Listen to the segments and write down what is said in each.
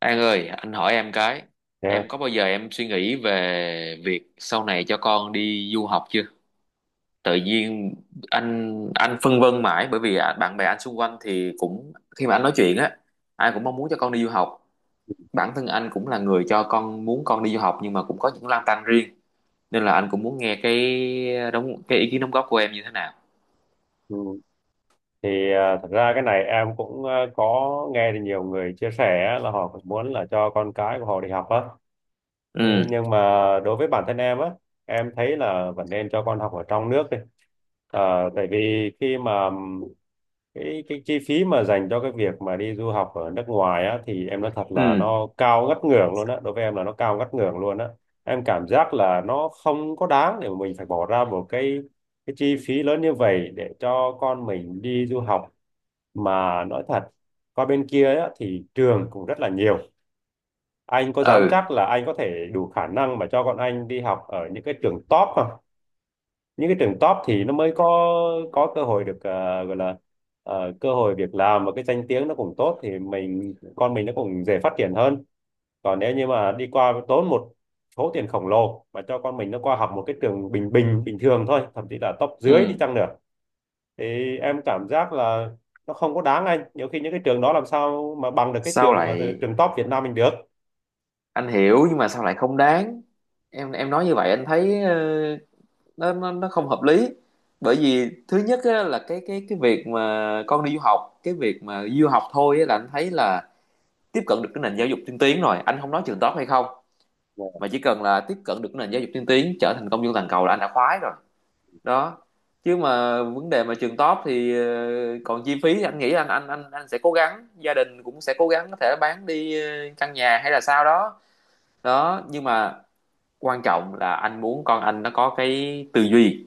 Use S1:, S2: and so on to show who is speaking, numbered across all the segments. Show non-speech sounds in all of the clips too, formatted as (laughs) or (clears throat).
S1: An ơi, anh hỏi em cái,
S2: Yeah.
S1: em có bao giờ em suy nghĩ về việc sau này cho con đi du học chưa? Tự nhiên anh phân vân mãi bởi vì bạn bè anh xung quanh thì cũng khi mà anh nói chuyện á, ai cũng mong muốn cho con đi du học. Bản thân anh cũng là người cho con muốn con đi du học nhưng mà cũng có những lăn tăn riêng nên là anh cũng muốn nghe cái ý kiến đóng góp của em như thế nào.
S2: Ừ. Thì thật ra cái này em cũng có nghe được nhiều người chia sẻ á, là họ cũng muốn là cho con cái của họ đi học á. Ừ,
S1: Ừ,
S2: nhưng mà đối với bản thân em á, em thấy là vẫn nên cho con học ở trong nước đi. Tại vì khi mà cái chi phí mà dành cho cái việc mà đi du học ở nước ngoài á, thì em nói thật là
S1: ừ,
S2: nó cao ngất ngưởng luôn á, đối với em là nó cao ngất ngưởng luôn á. Em cảm giác là nó không có đáng để mà mình phải bỏ ra một cái chi phí lớn như vậy để cho con mình đi du học. Mà nói thật, qua bên kia á thì trường cũng rất là nhiều, anh có dám
S1: ừ,
S2: chắc là anh có thể đủ khả năng mà cho con anh đi học ở những cái trường top không? Những cái trường top thì nó mới có cơ hội được gọi là cơ hội việc làm, và cái danh tiếng nó cũng tốt thì mình con mình nó cũng dễ phát triển hơn. Còn nếu như mà đi qua tốn một số tiền khổng lồ mà cho con mình nó qua học một cái trường bình bình bình thường thôi, thậm chí là top dưới đi
S1: ừ.
S2: chăng nữa, thì em cảm giác là nó không có đáng anh. Nhiều khi những cái trường đó làm sao mà bằng được cái
S1: Sao
S2: trường mà
S1: lại
S2: trường top Việt Nam mình được.
S1: Anh hiểu nhưng mà sao lại không đáng? Em nói như vậy anh thấy nó không hợp lý, bởi vì thứ nhất á, là cái việc mà con đi du học, cái việc mà du học thôi á, là anh thấy là tiếp cận được cái nền giáo dục tiên tiến rồi, anh không nói trường top hay không, mà chỉ cần là tiếp cận được cái nền giáo dục tiên tiến, trở thành công dân toàn cầu là anh đã khoái rồi đó. Chứ mà vấn đề mà trường top thì ờ, còn chi phí anh nghĩ anh sẽ cố gắng, gia đình cũng sẽ cố gắng, có thể bán đi căn nhà hay là sao đó đó, nhưng mà quan trọng là anh muốn con anh nó có cái tư duy,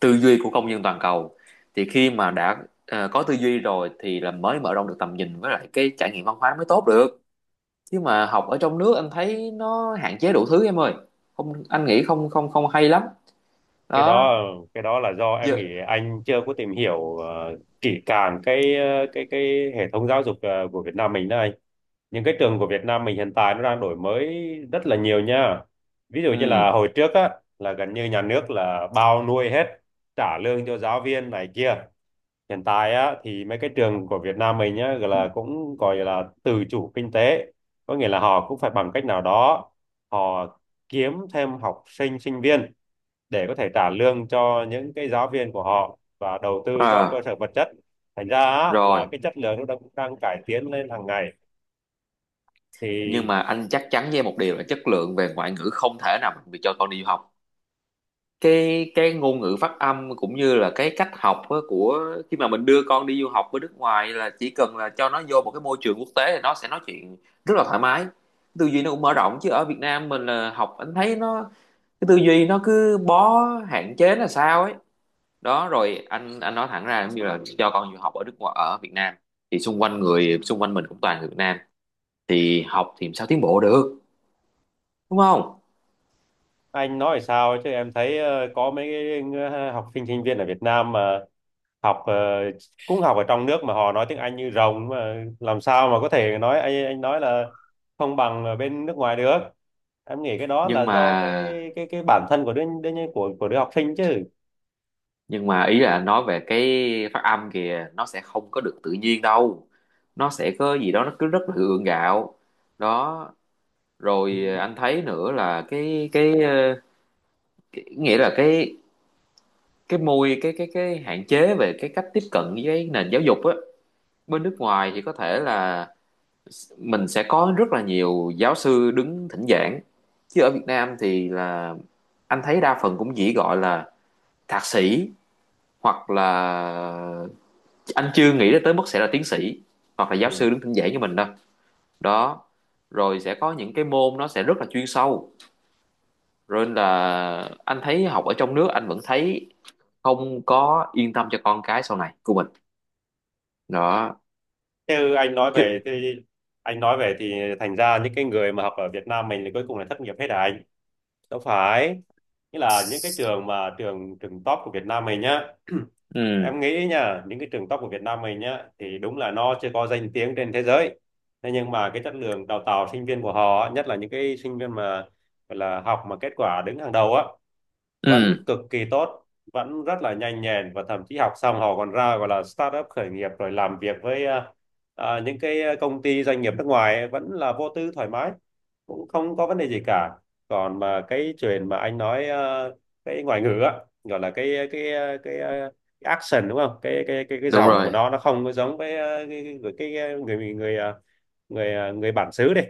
S1: tư duy của công dân toàn cầu. Thì khi mà đã có tư duy rồi thì là mới mở rộng được tầm nhìn với lại cái trải nghiệm văn hóa mới tốt được, chứ mà học ở trong nước anh thấy nó hạn chế đủ thứ em ơi. Không, anh nghĩ không không không hay lắm
S2: cái
S1: đó.
S2: đó cái đó là do em
S1: Giờ,
S2: nghĩ anh chưa có tìm hiểu kỹ càng cái cái hệ thống giáo dục của Việt Nam mình đây. Những cái trường của Việt Nam mình hiện tại nó đang đổi mới rất là nhiều nha. Ví dụ như là
S1: ừ,
S2: hồi trước á, là gần như nhà nước là bao nuôi hết, trả lương cho giáo viên này kia. Hiện tại á thì mấy cái trường của Việt Nam mình nhá gọi là tự chủ kinh tế, có nghĩa là họ cũng phải bằng cách nào đó họ kiếm thêm học sinh sinh viên để có thể trả lương cho những cái giáo viên của họ và đầu tư cho cơ
S1: à,
S2: sở vật chất. Thành ra á, là
S1: rồi,
S2: cái chất lượng nó đang cải tiến lên hàng ngày.
S1: nhưng
S2: Thì
S1: mà anh chắc chắn với em một điều là chất lượng về ngoại ngữ không thể nào bị cho con đi du học. Cái ngôn ngữ phát âm cũng như là cái cách học á, của khi mà mình đưa con đi du học ở nước ngoài, là chỉ cần là cho nó vô một cái môi trường quốc tế thì nó sẽ nói chuyện rất là thoải mái, tư duy nó cũng mở rộng. Chứ ở Việt Nam mình là học anh thấy nó, cái tư duy nó cứ bó hạn chế là sao ấy đó. Rồi anh nói thẳng ra giống như là cho con du học ở nước ngoài, ở Việt Nam thì xung quanh người xung quanh mình cũng toàn người Việt Nam thì học thì sao tiến bộ được, đúng không?
S2: anh nói sao chứ em thấy có mấy cái học sinh sinh viên ở Việt Nam mà học ờ, cũng học ở trong nước mà họ nói tiếng Anh như rồng, mà làm sao mà có thể nói anh nói là không bằng ở bên nước ngoài được. Em nghĩ cái đó
S1: nhưng
S2: là
S1: mà
S2: do cái cái bản thân của đứa, đứa của đứa học sinh chứ.
S1: nhưng mà ý là nói về cái phát âm kìa, nó sẽ không có được tự nhiên đâu, nó sẽ có gì đó nó cứ rất là gượng gạo đó. Rồi anh thấy nữa là cái nghĩa là cái hạn chế về cái cách tiếp cận với nền giáo dục á, bên nước ngoài thì có thể là mình sẽ có rất là nhiều giáo sư đứng thỉnh giảng, chứ ở Việt Nam thì là anh thấy đa phần cũng chỉ gọi là thạc sĩ, hoặc là anh chưa nghĩ tới mức sẽ là tiến sĩ hoặc là
S2: Ừ.
S1: giáo sư đứng thỉnh giảng như mình đâu đó. Rồi sẽ có những cái môn nó sẽ rất là chuyên sâu, rồi là anh thấy học ở trong nước anh vẫn thấy không có yên tâm cho con cái sau này của mình đó
S2: Thế anh nói
S1: chứ.
S2: về thì anh nói về thì thành ra những cái người mà học ở Việt Nam mình thì cuối cùng là thất nghiệp hết à anh? Đâu phải. Nghĩa là những cái trường mà trường trường top của Việt Nam mình nhá. (clears throat)
S1: Ừ,
S2: Em nghĩ nha, những cái trường top của Việt Nam mình nhá thì đúng là nó chưa có danh tiếng trên thế giới. Thế nhưng mà cái chất lượng đào tạo sinh viên của họ, á, nhất là những cái sinh viên mà gọi là học mà kết quả đứng hàng đầu á, vẫn
S1: ừ,
S2: cực kỳ tốt, vẫn rất là nhanh nhẹn, và thậm chí học xong họ còn ra gọi là startup khởi nghiệp rồi làm việc với những cái công ty doanh nghiệp nước ngoài ấy, vẫn là vô tư thoải mái, cũng không có vấn đề gì cả. Còn mà cái chuyện mà anh nói cái ngoại ngữ á, gọi là cái action đúng không, cái
S1: đúng
S2: dòng của
S1: rồi,
S2: nó không có giống với à, cái người người à, người à, người bản xứ đi,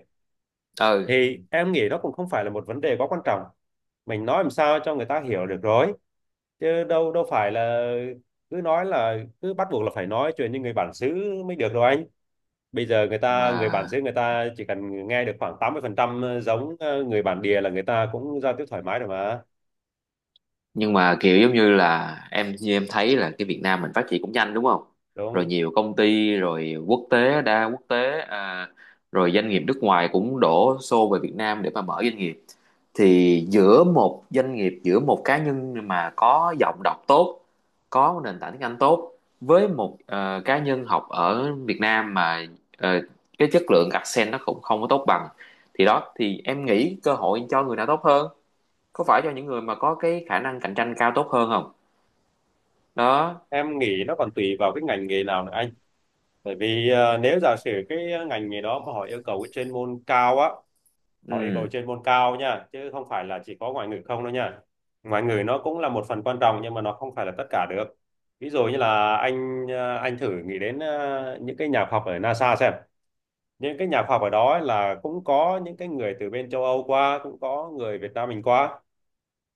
S1: ừ.
S2: thì em nghĩ nó cũng không phải là một vấn đề quá quan trọng. Mình nói làm sao cho người ta hiểu được rồi, chứ đâu đâu phải là cứ nói là cứ bắt buộc là phải nói chuyện như người bản xứ mới được đâu anh. Bây giờ người
S1: Mà
S2: bản xứ người ta chỉ cần nghe được khoảng 80% giống người bản địa là người ta cũng giao tiếp thoải mái rồi mà,
S1: nhưng mà kiểu giống như là em, như em thấy là cái Việt Nam mình phát triển cũng nhanh đúng không,
S2: đúng
S1: rồi
S2: không?
S1: nhiều công ty rồi quốc tế đa quốc tế rồi doanh nghiệp nước ngoài cũng đổ xô về Việt Nam để mà mở doanh nghiệp, thì giữa một doanh nghiệp, giữa một cá nhân mà có giọng đọc tốt, có nền tảng tiếng Anh tốt, với một cá nhân học ở Việt Nam mà ờ, cái chất lượng accent nó cũng không có tốt bằng, thì đó, thì em nghĩ cơ hội cho người nào tốt hơn, có phải cho những người mà có cái khả năng cạnh tranh cao tốt hơn không? Đó.
S2: Em nghĩ nó còn tùy vào cái ngành nghề nào nữa anh. Bởi vì nếu giả sử cái ngành nghề đó mà họ yêu cầu cái chuyên môn cao á, họ yêu cầu
S1: Ừ.
S2: chuyên môn cao nha, chứ không phải là chỉ có ngoại ngữ không đâu nha. Ngoại ngữ nó cũng là một phần quan trọng nhưng mà nó không phải là tất cả được. Ví dụ như là anh thử nghĩ đến những cái nhà khoa học ở NASA xem. Những cái nhà khoa học ở đó ấy là cũng có những cái người từ bên châu Âu qua, cũng có người Việt Nam mình qua,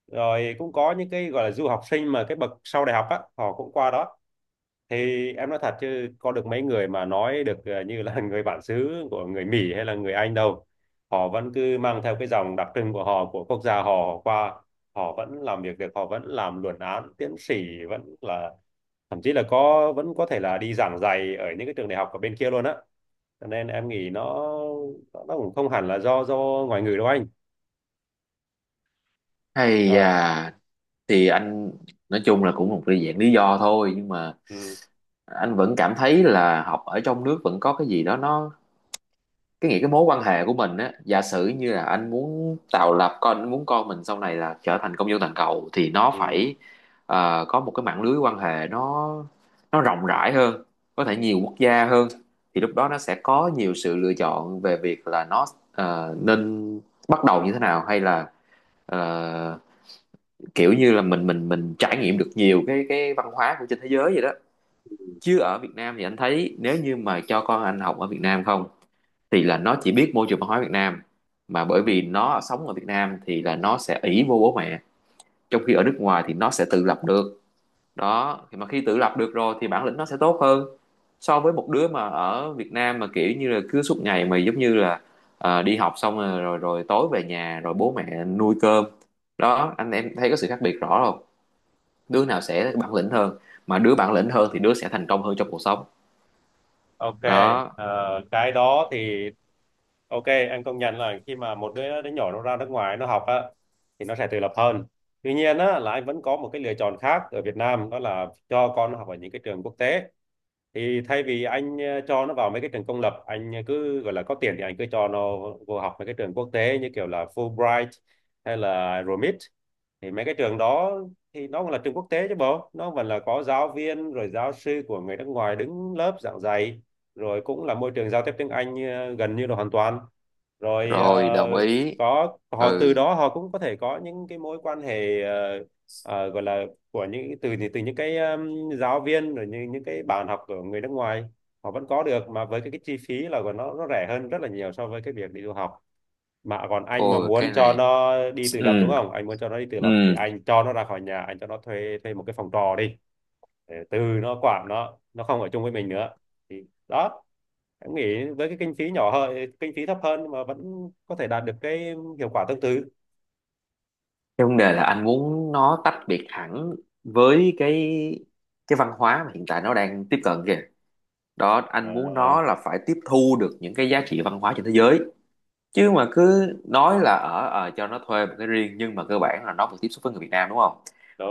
S2: rồi cũng có những cái gọi là du học sinh mà cái bậc sau đại học á họ cũng qua đó. Thì em nói thật chứ có được mấy người mà nói được như là (laughs) người bản xứ của người Mỹ hay là người Anh đâu. Họ vẫn cứ mang theo cái dòng đặc trưng của họ, của quốc gia họ qua. Họ vẫn làm việc được, họ vẫn làm luận án, tiến sĩ, vẫn là thậm chí là có vẫn có thể là đi giảng dạy ở những cái trường đại học ở bên kia luôn á. Cho nên em nghĩ nó cũng không hẳn là do ngoại ngữ đâu anh.
S1: Hay
S2: Rồi.
S1: à, thì anh nói chung là cũng một cái dạng lý do thôi, nhưng mà
S2: Ừ.
S1: anh vẫn cảm thấy là học ở trong nước vẫn có cái gì đó nó, cái nghĩ cái mối quan hệ của mình á, giả sử như là anh muốn tạo lập, con anh muốn con mình sau này là trở thành công dân toàn cầu thì nó
S2: Ừ.
S1: phải có một cái mạng lưới quan hệ nó rộng rãi hơn, có thể nhiều quốc gia hơn, thì lúc đó nó sẽ có nhiều sự lựa chọn về việc là nó nên bắt đầu như thế nào, hay là ờ, kiểu như là mình trải nghiệm được nhiều cái văn hóa của trên thế giới vậy đó. Chứ ở Việt Nam thì anh thấy nếu như mà cho con anh học ở Việt Nam không thì là nó chỉ biết môi trường văn hóa Việt Nam, mà bởi
S2: Ừ.
S1: vì nó sống ở Việt Nam thì là nó sẽ ỷ vô bố mẹ, trong khi ở nước ngoài thì nó sẽ tự lập được đó. Thì mà khi tự lập được rồi thì bản lĩnh nó sẽ tốt hơn so với một đứa mà ở Việt Nam mà kiểu như là cứ suốt ngày mà giống như là đi học xong rồi, rồi tối về nhà rồi bố mẹ nuôi cơm đó. Anh em thấy có sự khác biệt rõ không, đứa nào sẽ bản lĩnh hơn, mà đứa bản lĩnh hơn thì đứa sẽ thành công hơn trong cuộc sống
S2: Ok,
S1: đó.
S2: ờ, cái đó thì, ok, anh công nhận là khi mà một đứa đứa nhỏ nó ra nước ngoài nó học á thì nó sẽ tự lập hơn. Tuy nhiên á, là anh vẫn có một cái lựa chọn khác ở Việt Nam đó là cho con nó học ở những cái trường quốc tế. Thì thay vì anh cho nó vào mấy cái trường công lập, anh cứ gọi là có tiền thì anh cứ cho nó vô học mấy cái trường quốc tế như kiểu là Fulbright hay là ROMIT. Thì mấy cái trường đó thì nó cũng là trường quốc tế chứ bộ, nó vẫn là có giáo viên rồi giáo sư của người nước ngoài đứng lớp giảng dạy, rồi cũng là môi trường giao tiếp tiếng Anh gần như là hoàn toàn, rồi
S1: Rồi, đồng ý.
S2: có họ
S1: Ừ,
S2: từ đó họ cũng có thể có những cái mối quan hệ gọi là, của những từ từ những cái giáo viên, rồi những cái bạn học của người nước ngoài họ vẫn có được mà, với cái chi phí là của nó rẻ hơn rất là nhiều so với cái việc đi du học. Mà còn anh mà
S1: ôi
S2: muốn
S1: cái
S2: cho
S1: này,
S2: nó đi tự lập đúng
S1: ừ.
S2: không, anh muốn cho nó đi tự
S1: Ừ,
S2: lập thì anh cho nó ra khỏi nhà, anh cho nó thuê thuê một cái phòng trọ đi, để từ nó quản nó không ở chung với mình nữa, thì đó, em nghĩ với cái kinh phí nhỏ hơn, kinh phí thấp hơn mà vẫn có thể đạt được cái hiệu quả tương tự.
S1: cái vấn đề là anh muốn nó tách biệt hẳn với cái văn hóa mà hiện tại nó đang tiếp cận kìa. Đó, anh muốn
S2: à,
S1: nó là phải tiếp thu được những cái giá trị văn hóa trên thế giới, chứ mà cứ nói là ở cho nó thuê một cái riêng nhưng mà cơ bản là nó vẫn tiếp xúc với người Việt Nam đúng không,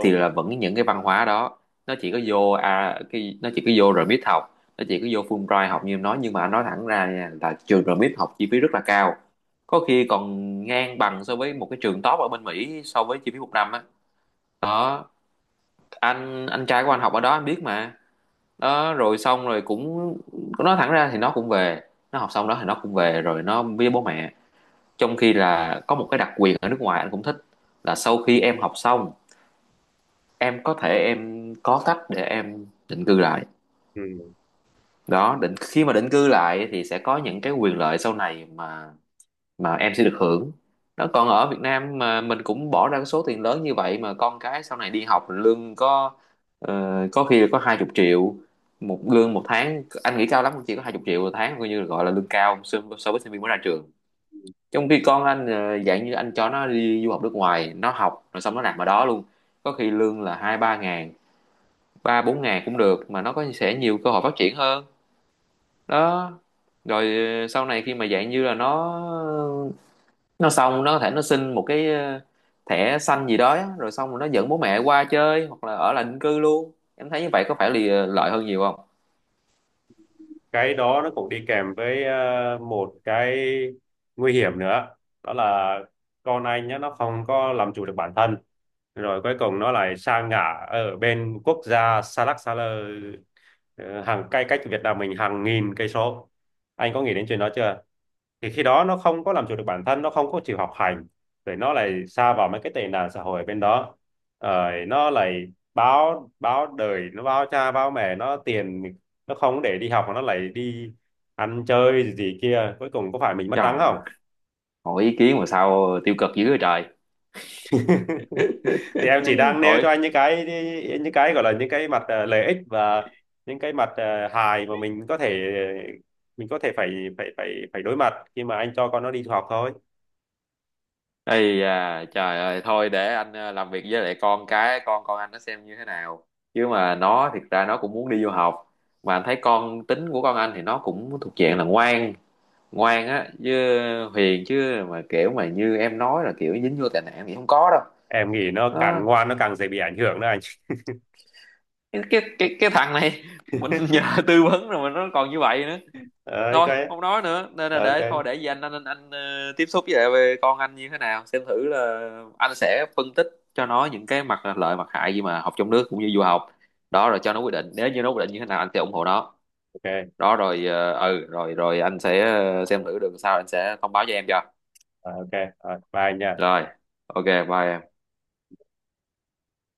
S1: thì là vẫn những cái văn hóa đó. Nó chỉ có vô cái, nó chỉ có vô rồi biết học, nó chỉ có vô Fulbright học như em nói, nhưng mà anh nói thẳng ra nha, là trường rồi biết học chi phí rất là cao, có khi còn ngang bằng so với một cái trường top ở bên Mỹ so với chi phí một năm á đó. Anh trai của anh học ở đó anh biết mà đó. Rồi xong rồi cũng nói thẳng ra thì nó cũng về, nó học xong đó thì nó cũng về rồi nó với bố mẹ, trong khi là có một cái đặc quyền ở nước ngoài anh cũng thích là sau khi em học xong em có thể, em có cách để em định cư lại
S2: Ừ.
S1: đó. Định khi mà định cư lại thì sẽ có những cái quyền lợi sau này mà em sẽ được hưởng đó. Còn ở Việt Nam mà mình cũng bỏ ra cái số tiền lớn như vậy mà con cái sau này đi học lương có ờ, có khi là có 20 triệu một lương một tháng, anh nghĩ cao lắm cũng chỉ có 20 triệu một tháng, coi như là gọi là lương cao so so với sinh viên mới ra trường, trong khi con anh dạng như anh cho nó đi du học nước ngoài, nó học rồi xong nó nạp vào đó luôn, có khi lương là hai ba ngàn, ba bốn ngàn cũng được mà, nó có sẽ nhiều cơ hội phát triển hơn đó. Rồi sau này khi mà dạng như là nó xong nó có thể nó xin một cái thẻ xanh gì đó á, rồi xong rồi nó dẫn bố mẹ qua chơi hoặc là ở lại định cư luôn, em thấy như vậy có phải là lợi hơn nhiều không?
S2: Cái đó nó cũng đi kèm với một cái nguy hiểm nữa, đó là con anh nhá nó không có làm chủ được bản thân rồi cuối cùng nó lại sa ngã ở bên quốc gia xa lắc xa lơ, hàng cây cách Việt Nam mình hàng nghìn cây số. Anh có nghĩ đến chuyện đó chưa? Thì khi đó nó không có làm chủ được bản thân, nó không có chịu học hành rồi nó lại sa vào mấy cái tệ nạn xã hội ở bên đó, rồi nó lại báo báo đời, nó báo cha báo mẹ nó tiền, nó không để đi học mà nó lại đi ăn chơi gì, gì kia, cuối cùng có phải mình mất trắng
S1: Trời ơi,
S2: không?
S1: hỏi ý kiến mà sao tiêu cực dữ vậy trời.
S2: (laughs) Thì em chỉ
S1: (laughs)
S2: đang nêu
S1: Thôi.
S2: cho anh những cái, những cái gọi là những cái mặt lợi ích và những cái mặt hài mà mình có thể, mình có thể phải phải phải phải đối mặt khi mà anh cho con nó đi học thôi.
S1: Ây à, trời ơi, thôi để anh làm việc với lại con cái, con anh nó xem như thế nào. Chứ mà nó thiệt ra nó cũng muốn đi du học. Mà anh thấy con tính của con anh thì nó cũng thuộc dạng là ngoan, ngoan á, chứ hiền, chứ mà kiểu mà như em nói là kiểu dính vô tệ nạn thì không có đâu.
S2: Em nghĩ nó
S1: Nó,
S2: càng ngoan nó càng dễ bị ảnh hưởng đó anh. (laughs)
S1: cái thằng này (laughs) mình nhờ tư vấn rồi mà nó còn như vậy nữa.
S2: Ờ, ok,
S1: Thôi không nói nữa, nên là
S2: ok,
S1: để thôi để gì anh, anh tiếp xúc với lại về con anh như thế nào xem thử là anh sẽ phân tích cho nó những cái mặt lợi mặt hại gì mà học trong nước cũng như du học đó. Rồi cho nó quyết định, nếu như nó quyết định như thế nào anh sẽ ủng hộ nó
S2: ok, ok.
S1: đó. Rồi ừ, rồi rồi anh sẽ xem thử được sao anh sẽ thông báo cho em cho.
S2: Ờ, ok. Rồi, bye anh nha.
S1: Rồi, ok, bye em.